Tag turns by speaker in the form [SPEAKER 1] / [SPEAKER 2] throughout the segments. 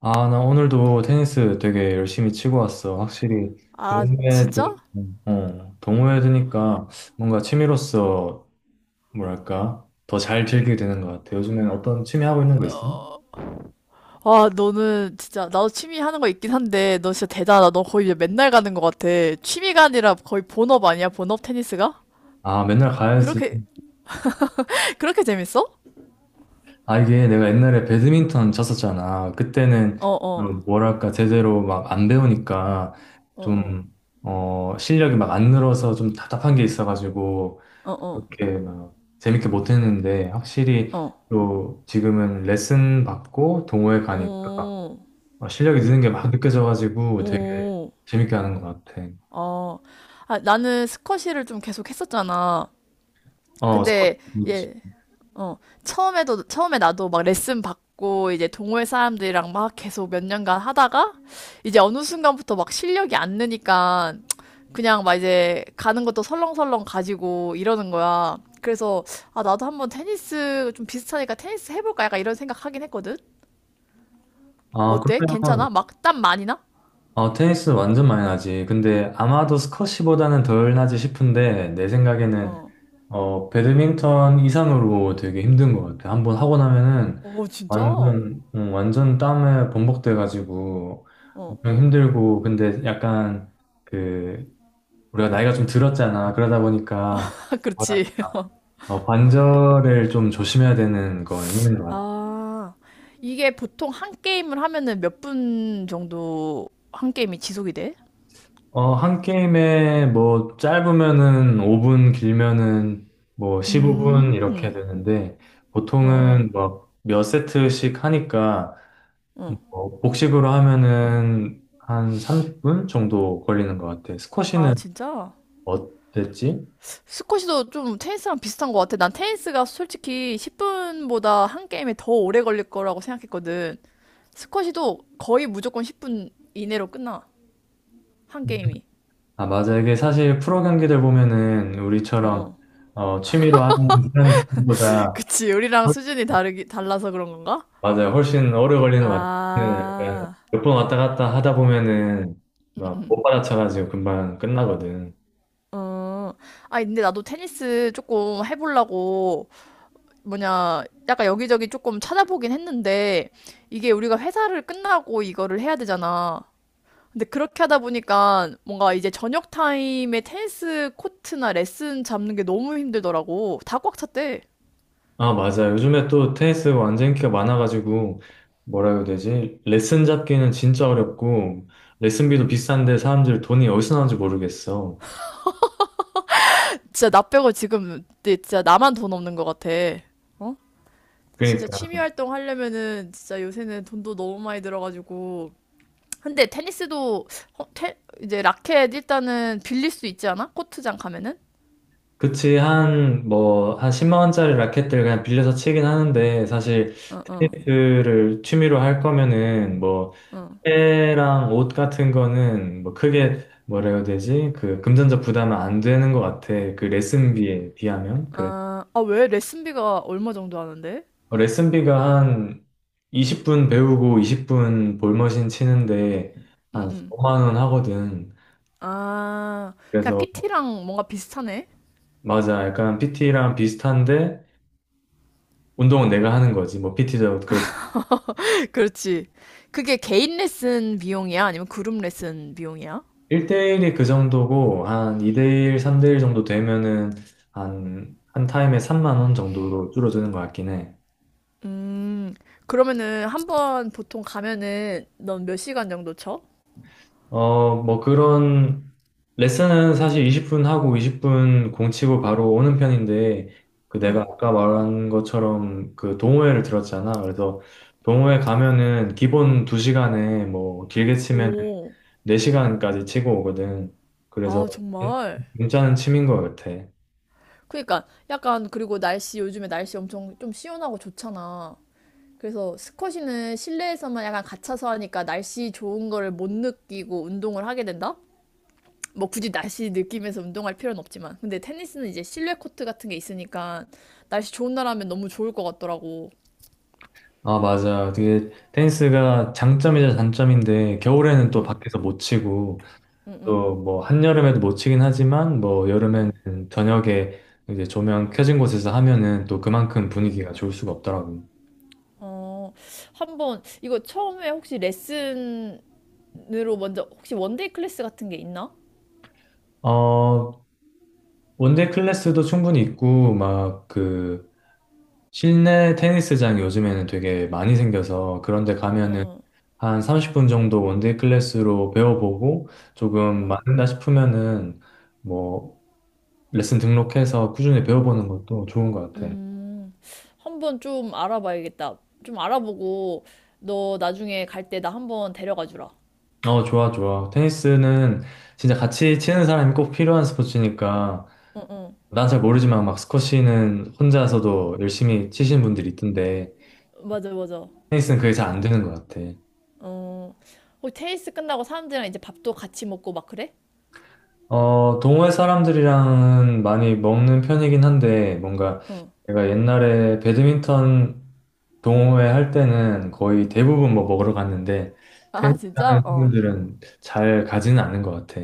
[SPEAKER 1] 아, 나 오늘도 테니스 되게 열심히 치고 왔어. 확실히
[SPEAKER 2] 아,
[SPEAKER 1] 동호회,
[SPEAKER 2] 진짜?
[SPEAKER 1] 어, 동호회 드니까 뭔가 취미로서 뭐랄까 더 잘 즐기게 되는 것 같아. 요즘엔 어떤 취미 하고 있는 거 있어?
[SPEAKER 2] 와, 너는 진짜, 나도 취미 하는 거 있긴 한데, 너 진짜 대단하다. 너 거의 맨날 가는 것 같아. 취미가 아니라 거의 본업 아니야? 본업 테니스가?
[SPEAKER 1] 아, 맨날 가야지.
[SPEAKER 2] 그렇게, 그렇게 재밌어?
[SPEAKER 1] 아, 이게 내가 옛날에 배드민턴 쳤었잖아. 그때는
[SPEAKER 2] 어, 어,
[SPEAKER 1] 좀 뭐랄까 제대로 막 안 배우니까
[SPEAKER 2] 어, 어,
[SPEAKER 1] 좀, 어, 실력이 막 안 늘어서 좀 답답한 게 있어가지고
[SPEAKER 2] 어, 어,
[SPEAKER 1] 그렇게 막 재밌게 못했는데 확실히
[SPEAKER 2] 어,
[SPEAKER 1] 또 지금은 레슨 받고 동호회 가니까
[SPEAKER 2] 오,
[SPEAKER 1] 어, 실력이 느는 게 막 느껴져가지고 되게
[SPEAKER 2] 오,
[SPEAKER 1] 재밌게 하는 것 같아.
[SPEAKER 2] 어. 아, 나는 스쿼시를 좀 계속 했었잖아.
[SPEAKER 1] 어, 스쿼트.
[SPEAKER 2] 근데,
[SPEAKER 1] 있지.
[SPEAKER 2] 예, 어, 처음에 나도 막 레슨 받고, 이제 동호회 사람들이랑 막 계속 몇 년간 하다가, 이제 어느 순간부터 막 실력이 안 느니까, 그냥 막 이제 가는 것도 설렁설렁 가지고 이러는 거야. 그래서, 아, 나도 한번 테니스 좀 비슷하니까 테니스 해볼까? 약간 이런 생각 하긴 했거든?
[SPEAKER 1] 아,
[SPEAKER 2] 어때?
[SPEAKER 1] 그러면
[SPEAKER 2] 괜찮아? 막 땀 많이 나?
[SPEAKER 1] 어, 테니스 완전 많이 나지. 근데 아마도 스쿼시보다는 덜 나지 싶은데, 내 생각에는,
[SPEAKER 2] 어.
[SPEAKER 1] 어, 배드민턴 이상으로 되게 힘든 것 같아. 한번 하고 나면은,
[SPEAKER 2] 어, 진짜? 어.
[SPEAKER 1] 완전, 완전 땀에 번복돼가지고, 엄청 힘들고, 근데 약간, 그, 우리가 나이가 좀 들었잖아. 그러다 보니까,
[SPEAKER 2] 그렇지.
[SPEAKER 1] 뭐랄까, 어, 관절을 좀 조심해야 되는 건 있는 것 같아.
[SPEAKER 2] 아, 이게 보통 한 게임을 하면은 몇 분 정도 한 게임이 지속이 돼?
[SPEAKER 1] 어, 한 게임에 뭐 짧으면은 5분, 길면은 뭐 15분 이렇게
[SPEAKER 2] 음,
[SPEAKER 1] 되는데
[SPEAKER 2] 어,
[SPEAKER 1] 보통은 뭐 몇 세트씩 하니까
[SPEAKER 2] 어.
[SPEAKER 1] 뭐 복식으로 하면은 한 30분 정도 걸리는 것 같아.
[SPEAKER 2] 아,
[SPEAKER 1] 스쿼시는
[SPEAKER 2] 진짜?
[SPEAKER 1] 어땠지?
[SPEAKER 2] 스쿼시도 좀 테니스랑 비슷한 것 같아. 난 테니스가 솔직히 10분보다 한 게임이 더 오래 걸릴 거라고 생각했거든. 스쿼시도 거의 무조건 10분 이내로 끝나. 한
[SPEAKER 1] 음.
[SPEAKER 2] 게임이.
[SPEAKER 1] 아, 맞아. 이게 사실 프로 경기들 보면은
[SPEAKER 2] 어,
[SPEAKER 1] 우리처럼
[SPEAKER 2] 어.
[SPEAKER 1] 어, 취미로 하는 사람들보다
[SPEAKER 2] 그치, 우리랑 수준이 달라서 그런 건가?
[SPEAKER 1] 맞아요. 훨씬 오래 걸리는 것 같아요.
[SPEAKER 2] 아.
[SPEAKER 1] 몇번 왔다 갔다 하다 보면은 막 못 받아쳐가지고 금방 끝나거든.
[SPEAKER 2] 어, 아, 근데 나도 테니스 조금 해보려고, 뭐냐, 약간 여기저기 조금 찾아보긴 했는데, 이게 우리가 회사를 끝나고 이거를 해야 되잖아. 근데 그렇게 하다 보니까 뭔가 이제 저녁 타임에 테니스 코트나 레슨 잡는 게 너무 힘들더라고. 다 꽉 찼대.
[SPEAKER 1] 아, 맞아요. 요즘에 또 테니스 완전 인기가 많아가지고 뭐라 해야 되지? 레슨 잡기는 진짜 어렵고 레슨비도 비싼데 사람들 돈이 어디서 나오는지 모르겠어.
[SPEAKER 2] 진짜 나 빼고 지금 진짜 나만 돈 없는 것 같아. 어? 진짜 취미
[SPEAKER 1] 그러니까
[SPEAKER 2] 활동 하려면은 진짜 요새는 돈도 너무 많이 들어가지고 근데 테니스도 어, 테, 이제 라켓 일단은 빌릴 수 있지 않아? 코트장 가면은?
[SPEAKER 1] 그치 한 뭐 한 10만 원짜리 라켓들 그냥 빌려서 치긴 하는데 사실 테니스를 취미로 할 거면은 뭐 때랑 옷 같은 거는 뭐 크게 뭐라 해야 되지? 그 금전적 부담은 안 되는 것 같아. 그 레슨비에 비하면. 그래.
[SPEAKER 2] 아, 아, 왜? 레슨비가 얼마 정도 하는데?
[SPEAKER 1] 어, 레슨비가 한 20분 배우고 20분 볼머신 치는데
[SPEAKER 2] 응,
[SPEAKER 1] 한
[SPEAKER 2] 응.
[SPEAKER 1] 5만 원 하거든.
[SPEAKER 2] 아, 그냥
[SPEAKER 1] 그래서
[SPEAKER 2] PT랑 뭔가 비슷하네?
[SPEAKER 1] 맞아. 약간 PT랑 비슷한데 운동은 내가 하는 거지. 뭐 PT도 그렇지.
[SPEAKER 2] 그렇지. 그게 개인 레슨 비용이야? 아니면 그룹 레슨 비용이야?
[SPEAKER 1] 1대1이 그 정도고 한 2대1, 3대1 정도 되면은 한 타임에 3만 원 정도로 줄어드는 것 같긴 해.
[SPEAKER 2] 음, 그러면은 한번 보통 가면은 넌 몇 시간 정도 쳐?
[SPEAKER 1] 어, 뭐 그런 레슨은 사실 20분 하고 20분 공치고 바로 오는 편인데 그 내가
[SPEAKER 2] 응.
[SPEAKER 1] 아까 말한 것처럼 그 동호회를 들었잖아. 그래서 동호회 가면은 기본 2시간에 뭐 길게 치면
[SPEAKER 2] 오,
[SPEAKER 1] 4시간까지 치고 오거든. 그래서
[SPEAKER 2] 아,
[SPEAKER 1] 괜-
[SPEAKER 2] 정말.
[SPEAKER 1] 괜찮은 취미인 것 같아.
[SPEAKER 2] 그러니까 약간 그리고 날씨 요즘에 날씨 엄청 좀 시원하고 좋잖아. 그래서 스쿼시는 실내에서만 약간 갇혀서 하니까 날씨 좋은 거를 못 느끼고 운동을 하게 된다? 뭐 굳이 날씨 느끼면서 운동할 필요는 없지만. 근데 테니스는 이제 실내 코트 같은 게 있으니까 날씨 좋은 날 하면 너무 좋을 것 같더라고.
[SPEAKER 1] 아, 맞아. 그게 테니스가 장점이자 단점인데 겨울에는 또 밖에서 못 치고 또 뭐 한여름에도 못 치긴 하지만 뭐 여름에는 저녁에 이제 조명 켜진 곳에서 하면은 또 그만큼 분위기가 좋을 수가 없더라고요.
[SPEAKER 2] 어, 한번 이거 처음에 혹시 레슨으로 먼저 혹시 원데이 클래스 같은 게 있나?
[SPEAKER 1] 어, 원데이 클래스도 충분히 있고 막 그 실내 테니스장이 요즘에는 되게 많이 생겨서 그런 데 가면은 한 30분 정도 원데이 클래스로 배워보고 조금 맞는다 싶으면은 뭐 레슨 등록해서 꾸준히 배워보는 것도 좋은 것 같아.
[SPEAKER 2] 한번 좀 알아봐야겠다. 좀 알아보고 너 나중에 갈 때 나 한번 데려가 주라.
[SPEAKER 1] 어, 좋아, 좋아. 테니스는 진짜 같이 치는 사람이 꼭 필요한 스포츠니까,
[SPEAKER 2] 응, 응.
[SPEAKER 1] 난 잘 모르지만 막 스쿼시는 혼자서도 열심히 치시는 분들이 있던데,
[SPEAKER 2] 맞아, 맞아.
[SPEAKER 1] 테니스는 그게 잘 안 되는 것 같아.
[SPEAKER 2] 어, 어, 테니스 끝나고 사람들이랑 이제 밥도 같이 먹고 막 그래?
[SPEAKER 1] 어, 동호회 사람들이랑은 많이 먹는 편이긴 한데, 뭔가
[SPEAKER 2] 응.
[SPEAKER 1] 내가 옛날에 배드민턴 동호회 할 때는 거의 대부분 뭐 먹으러 갔는데,
[SPEAKER 2] 아,
[SPEAKER 1] 테니스
[SPEAKER 2] 진짜?
[SPEAKER 1] 하는
[SPEAKER 2] 어.
[SPEAKER 1] 친구들은 잘 가지는 않는 것 같아.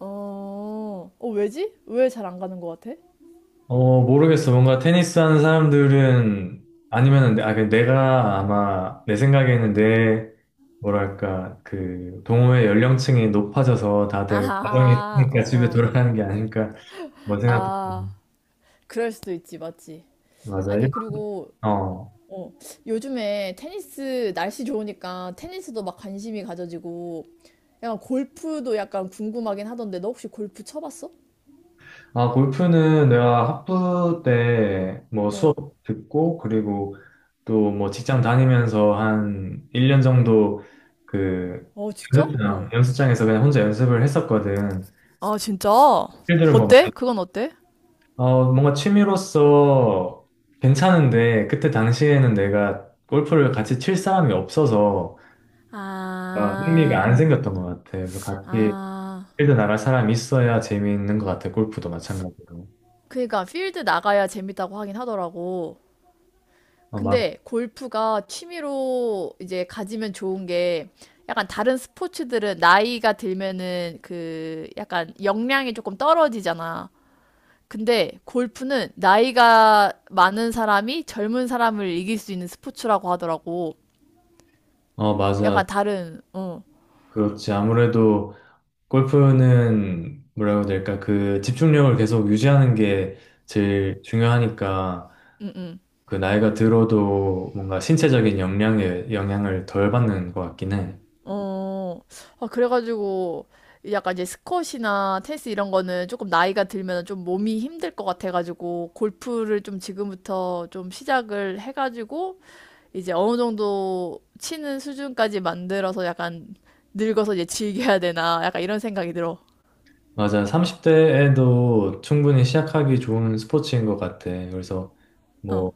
[SPEAKER 2] 어, 어, 왜지? 왜 잘 안 가는 것 같아?
[SPEAKER 1] 어, 모르겠어. 뭔가 테니스 하는 사람들은 아니면은 아, 그 내가 아마 내 생각에는 내 뭐랄까 그 동호회 연령층이 높아져서 다들 가정이
[SPEAKER 2] 아, 어,
[SPEAKER 1] 있으니까 집에
[SPEAKER 2] 어.
[SPEAKER 1] 돌아가는 게 아닐까 뭐 생각도 들고.
[SPEAKER 2] 아, 그럴 수도 있지, 맞지?
[SPEAKER 1] 맞아요.
[SPEAKER 2] 아니, 그리고,
[SPEAKER 1] 어.
[SPEAKER 2] 어, 요즘에 테니스, 날씨 좋으니까 테니스도 막 관심이 가져지고, 약간 골프도 약간 궁금하긴 하던데, 너 혹시 골프 쳐봤어?
[SPEAKER 1] 아, 골프는 내가 학부 때 뭐 수업
[SPEAKER 2] 어,
[SPEAKER 1] 듣고 그리고 또 뭐 직장 다니면서 한 1년 정도 그
[SPEAKER 2] 어, 진짜?
[SPEAKER 1] 연습장
[SPEAKER 2] 어.
[SPEAKER 1] 연습장에서 그냥 혼자 연습을 했었거든.
[SPEAKER 2] 아, 진짜?
[SPEAKER 1] 필드를 뭐
[SPEAKER 2] 어때? 그건 어때?
[SPEAKER 1] 어, 뭔가 취미로서 괜찮은데, 그때 당시에는 내가 골프를 같이 칠 사람이 없어서 아, 흥미가
[SPEAKER 2] 아,
[SPEAKER 1] 안 생겼던 것 같아. 그래서 같이
[SPEAKER 2] 아,
[SPEAKER 1] 필드 나갈 사람이 있어야 재미있는 것 같아. 골프도 마찬가지로.
[SPEAKER 2] 그러니까 필드 나가야 재밌다고 하긴 하더라고.
[SPEAKER 1] 어, 맞,
[SPEAKER 2] 근데 골프가 취미로 이제 가지면 좋은 게 약간 다른 스포츠들은 나이가 들면은 그 약간 역량이 조금 떨어지잖아. 근데 골프는 나이가 많은 사람이 젊은 사람을 이길 수 있는 스포츠라고 하더라고.
[SPEAKER 1] 어, 맞아.
[SPEAKER 2] 약간 다른, 어,
[SPEAKER 1] 그렇지. 아무래도 골프는 뭐라고 해야 될까? 그 집중력을 계속 유지하는 게 제일 중요하니까
[SPEAKER 2] 응, 응.
[SPEAKER 1] 그 나이가 들어도 뭔가 신체적인 역량에 영향을 덜 받는 것 같긴 해.
[SPEAKER 2] 어, 아, 그래가지고, 약간 이제 스쿼시나 테니스 이런 거는 조금 나이가 들면 좀 몸이 힘들 것 같아가지고, 골프를 좀 지금부터 좀 시작을 해가지고, 이제 어느 정도 치는 수준까지 만들어서 약간 늙어서 이제 즐겨야 되나, 약간 이런 생각이 들어.
[SPEAKER 1] 맞아. 30대에도 충분히 시작하기 좋은 스포츠인 것 같아. 그래서 뭐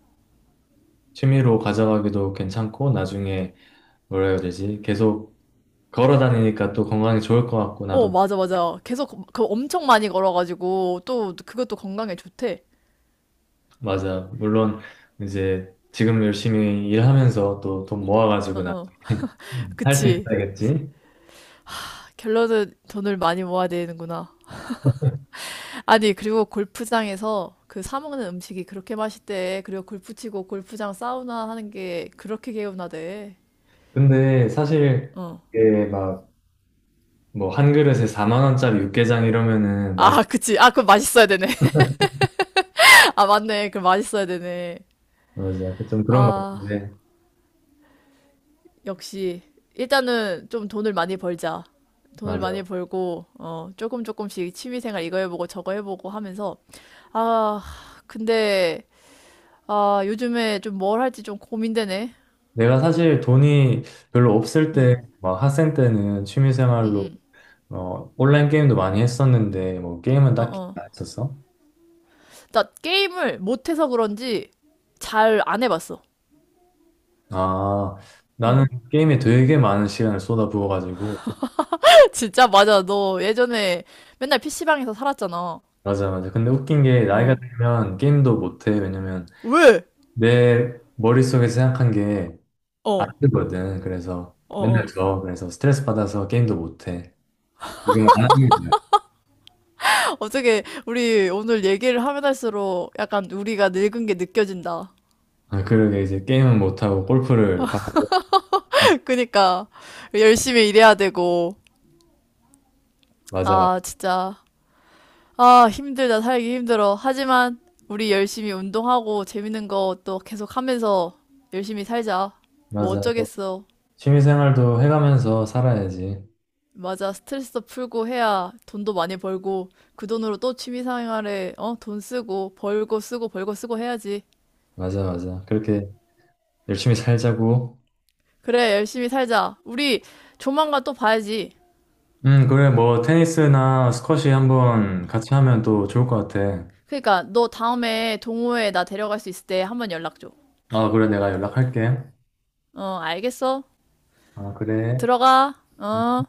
[SPEAKER 1] 취미로 가져가기도 괜찮고 나중에 뭐라 해야 되지? 계속 걸어 다니니까 또 건강에 좋을 것 같고
[SPEAKER 2] 어,
[SPEAKER 1] 나도
[SPEAKER 2] 맞아, 맞아. 계속 그, 그 엄청 많이 걸어가지고, 또 그것도 건강에 좋대.
[SPEAKER 1] 맞아. 물론 이제 지금 열심히 일하면서 또 돈
[SPEAKER 2] 어,
[SPEAKER 1] 모아가지고 나
[SPEAKER 2] 어.
[SPEAKER 1] 음. 할수
[SPEAKER 2] 그치.
[SPEAKER 1] 있어야겠지.
[SPEAKER 2] 결론은 돈을 많이 모아야 되는구나. 아니, 그리고 골프장에서 그 사 먹는 음식이 그렇게 맛있대. 그리고 골프 치고 골프장 사우나 하는 게 그렇게 개운하대.
[SPEAKER 1] 근데 사실
[SPEAKER 2] 어.
[SPEAKER 1] 이게 막 뭐 한 그릇에 4만 원짜리 육개장 이러면은 맛이
[SPEAKER 2] 아, 그치. 아, 그럼 맛있어야 되네. 아, 맞네. 그럼 맛있어야 되네.
[SPEAKER 1] 맞아. 좀 그런 것
[SPEAKER 2] 아,
[SPEAKER 1] 같은데.
[SPEAKER 2] 역시. 일단은 좀 돈을 많이 벌자. 돈을 많이
[SPEAKER 1] 맞아.
[SPEAKER 2] 벌고, 어, 조금씩 취미생활 이거 해보고 저거 해보고 하면서. 아, 근데, 아, 요즘에 좀 뭘 할지 좀 고민되네.
[SPEAKER 1] 내가 사실 돈이 별로 없을
[SPEAKER 2] 응,
[SPEAKER 1] 때, 막 학생 때는 취미
[SPEAKER 2] 응,
[SPEAKER 1] 생활로,
[SPEAKER 2] 응.
[SPEAKER 1] 어, 온라인 게임도 많이 했었는데, 뭐, 게임은
[SPEAKER 2] 어,
[SPEAKER 1] 딱히
[SPEAKER 2] 어.
[SPEAKER 1] 안 했었어?
[SPEAKER 2] 나 게임을 못해서 그런지 잘 안 해봤어.
[SPEAKER 1] 아, 나는
[SPEAKER 2] 어.
[SPEAKER 1] 게임에 되게 많은 시간을 쏟아부어가지고,
[SPEAKER 2] 진짜 맞아. 너 예전에 맨날 PC방에서 살았잖아.
[SPEAKER 1] 맞아, 맞아. 근데 웃긴 게, 나이가
[SPEAKER 2] 어.
[SPEAKER 1] 들면 게임도 못해. 왜냐면,
[SPEAKER 2] 왜?
[SPEAKER 1] 내 머릿속에서 생각한 게 안
[SPEAKER 2] 어. 어,
[SPEAKER 1] 되거든. 그래서,
[SPEAKER 2] 어.
[SPEAKER 1] 그래서 스트레스 받아서 게임도 못해. 지금 안 하는 거야.
[SPEAKER 2] 어떻게 우리 오늘 얘기를 하면 할수록 약간 우리가 늙은 게 느껴진다.
[SPEAKER 1] 아, 그러게, 이제 게임은 못하고, 골프를 받고,
[SPEAKER 2] 그니까 열심히 일해야 되고.
[SPEAKER 1] 맞아,
[SPEAKER 2] 아, 진짜. 아, 힘들다. 살기 힘들어. 하지만 우리 열심히 운동하고 재밌는 거 또 계속 하면서 열심히 살자. 뭐
[SPEAKER 1] 맞아.
[SPEAKER 2] 어쩌겠어.
[SPEAKER 1] 취미생활도 해가면서 살아야지.
[SPEAKER 2] 맞아. 스트레스도 풀고 해야 돈도 많이 벌고 그 돈으로 또 취미 생활에 어, 돈 쓰고 벌고 쓰고 벌고 쓰고 해야지.
[SPEAKER 1] 맞아, 맞아. 그렇게 열심히 살자고.
[SPEAKER 2] 그래, 열심히 살자. 우리 조만간 또 봐야지.
[SPEAKER 1] 그래, 뭐, 테니스나 스쿼시 한번 같이 하면 또 좋을 것 같아.
[SPEAKER 2] 그러니까 너 다음에 동호회 나 데려갈 수 있을 때 한번 연락 줘.
[SPEAKER 1] 아, 그래, 내가 연락할게.
[SPEAKER 2] 어, 알겠어.
[SPEAKER 1] 아, 그래.
[SPEAKER 2] 들어가. 어.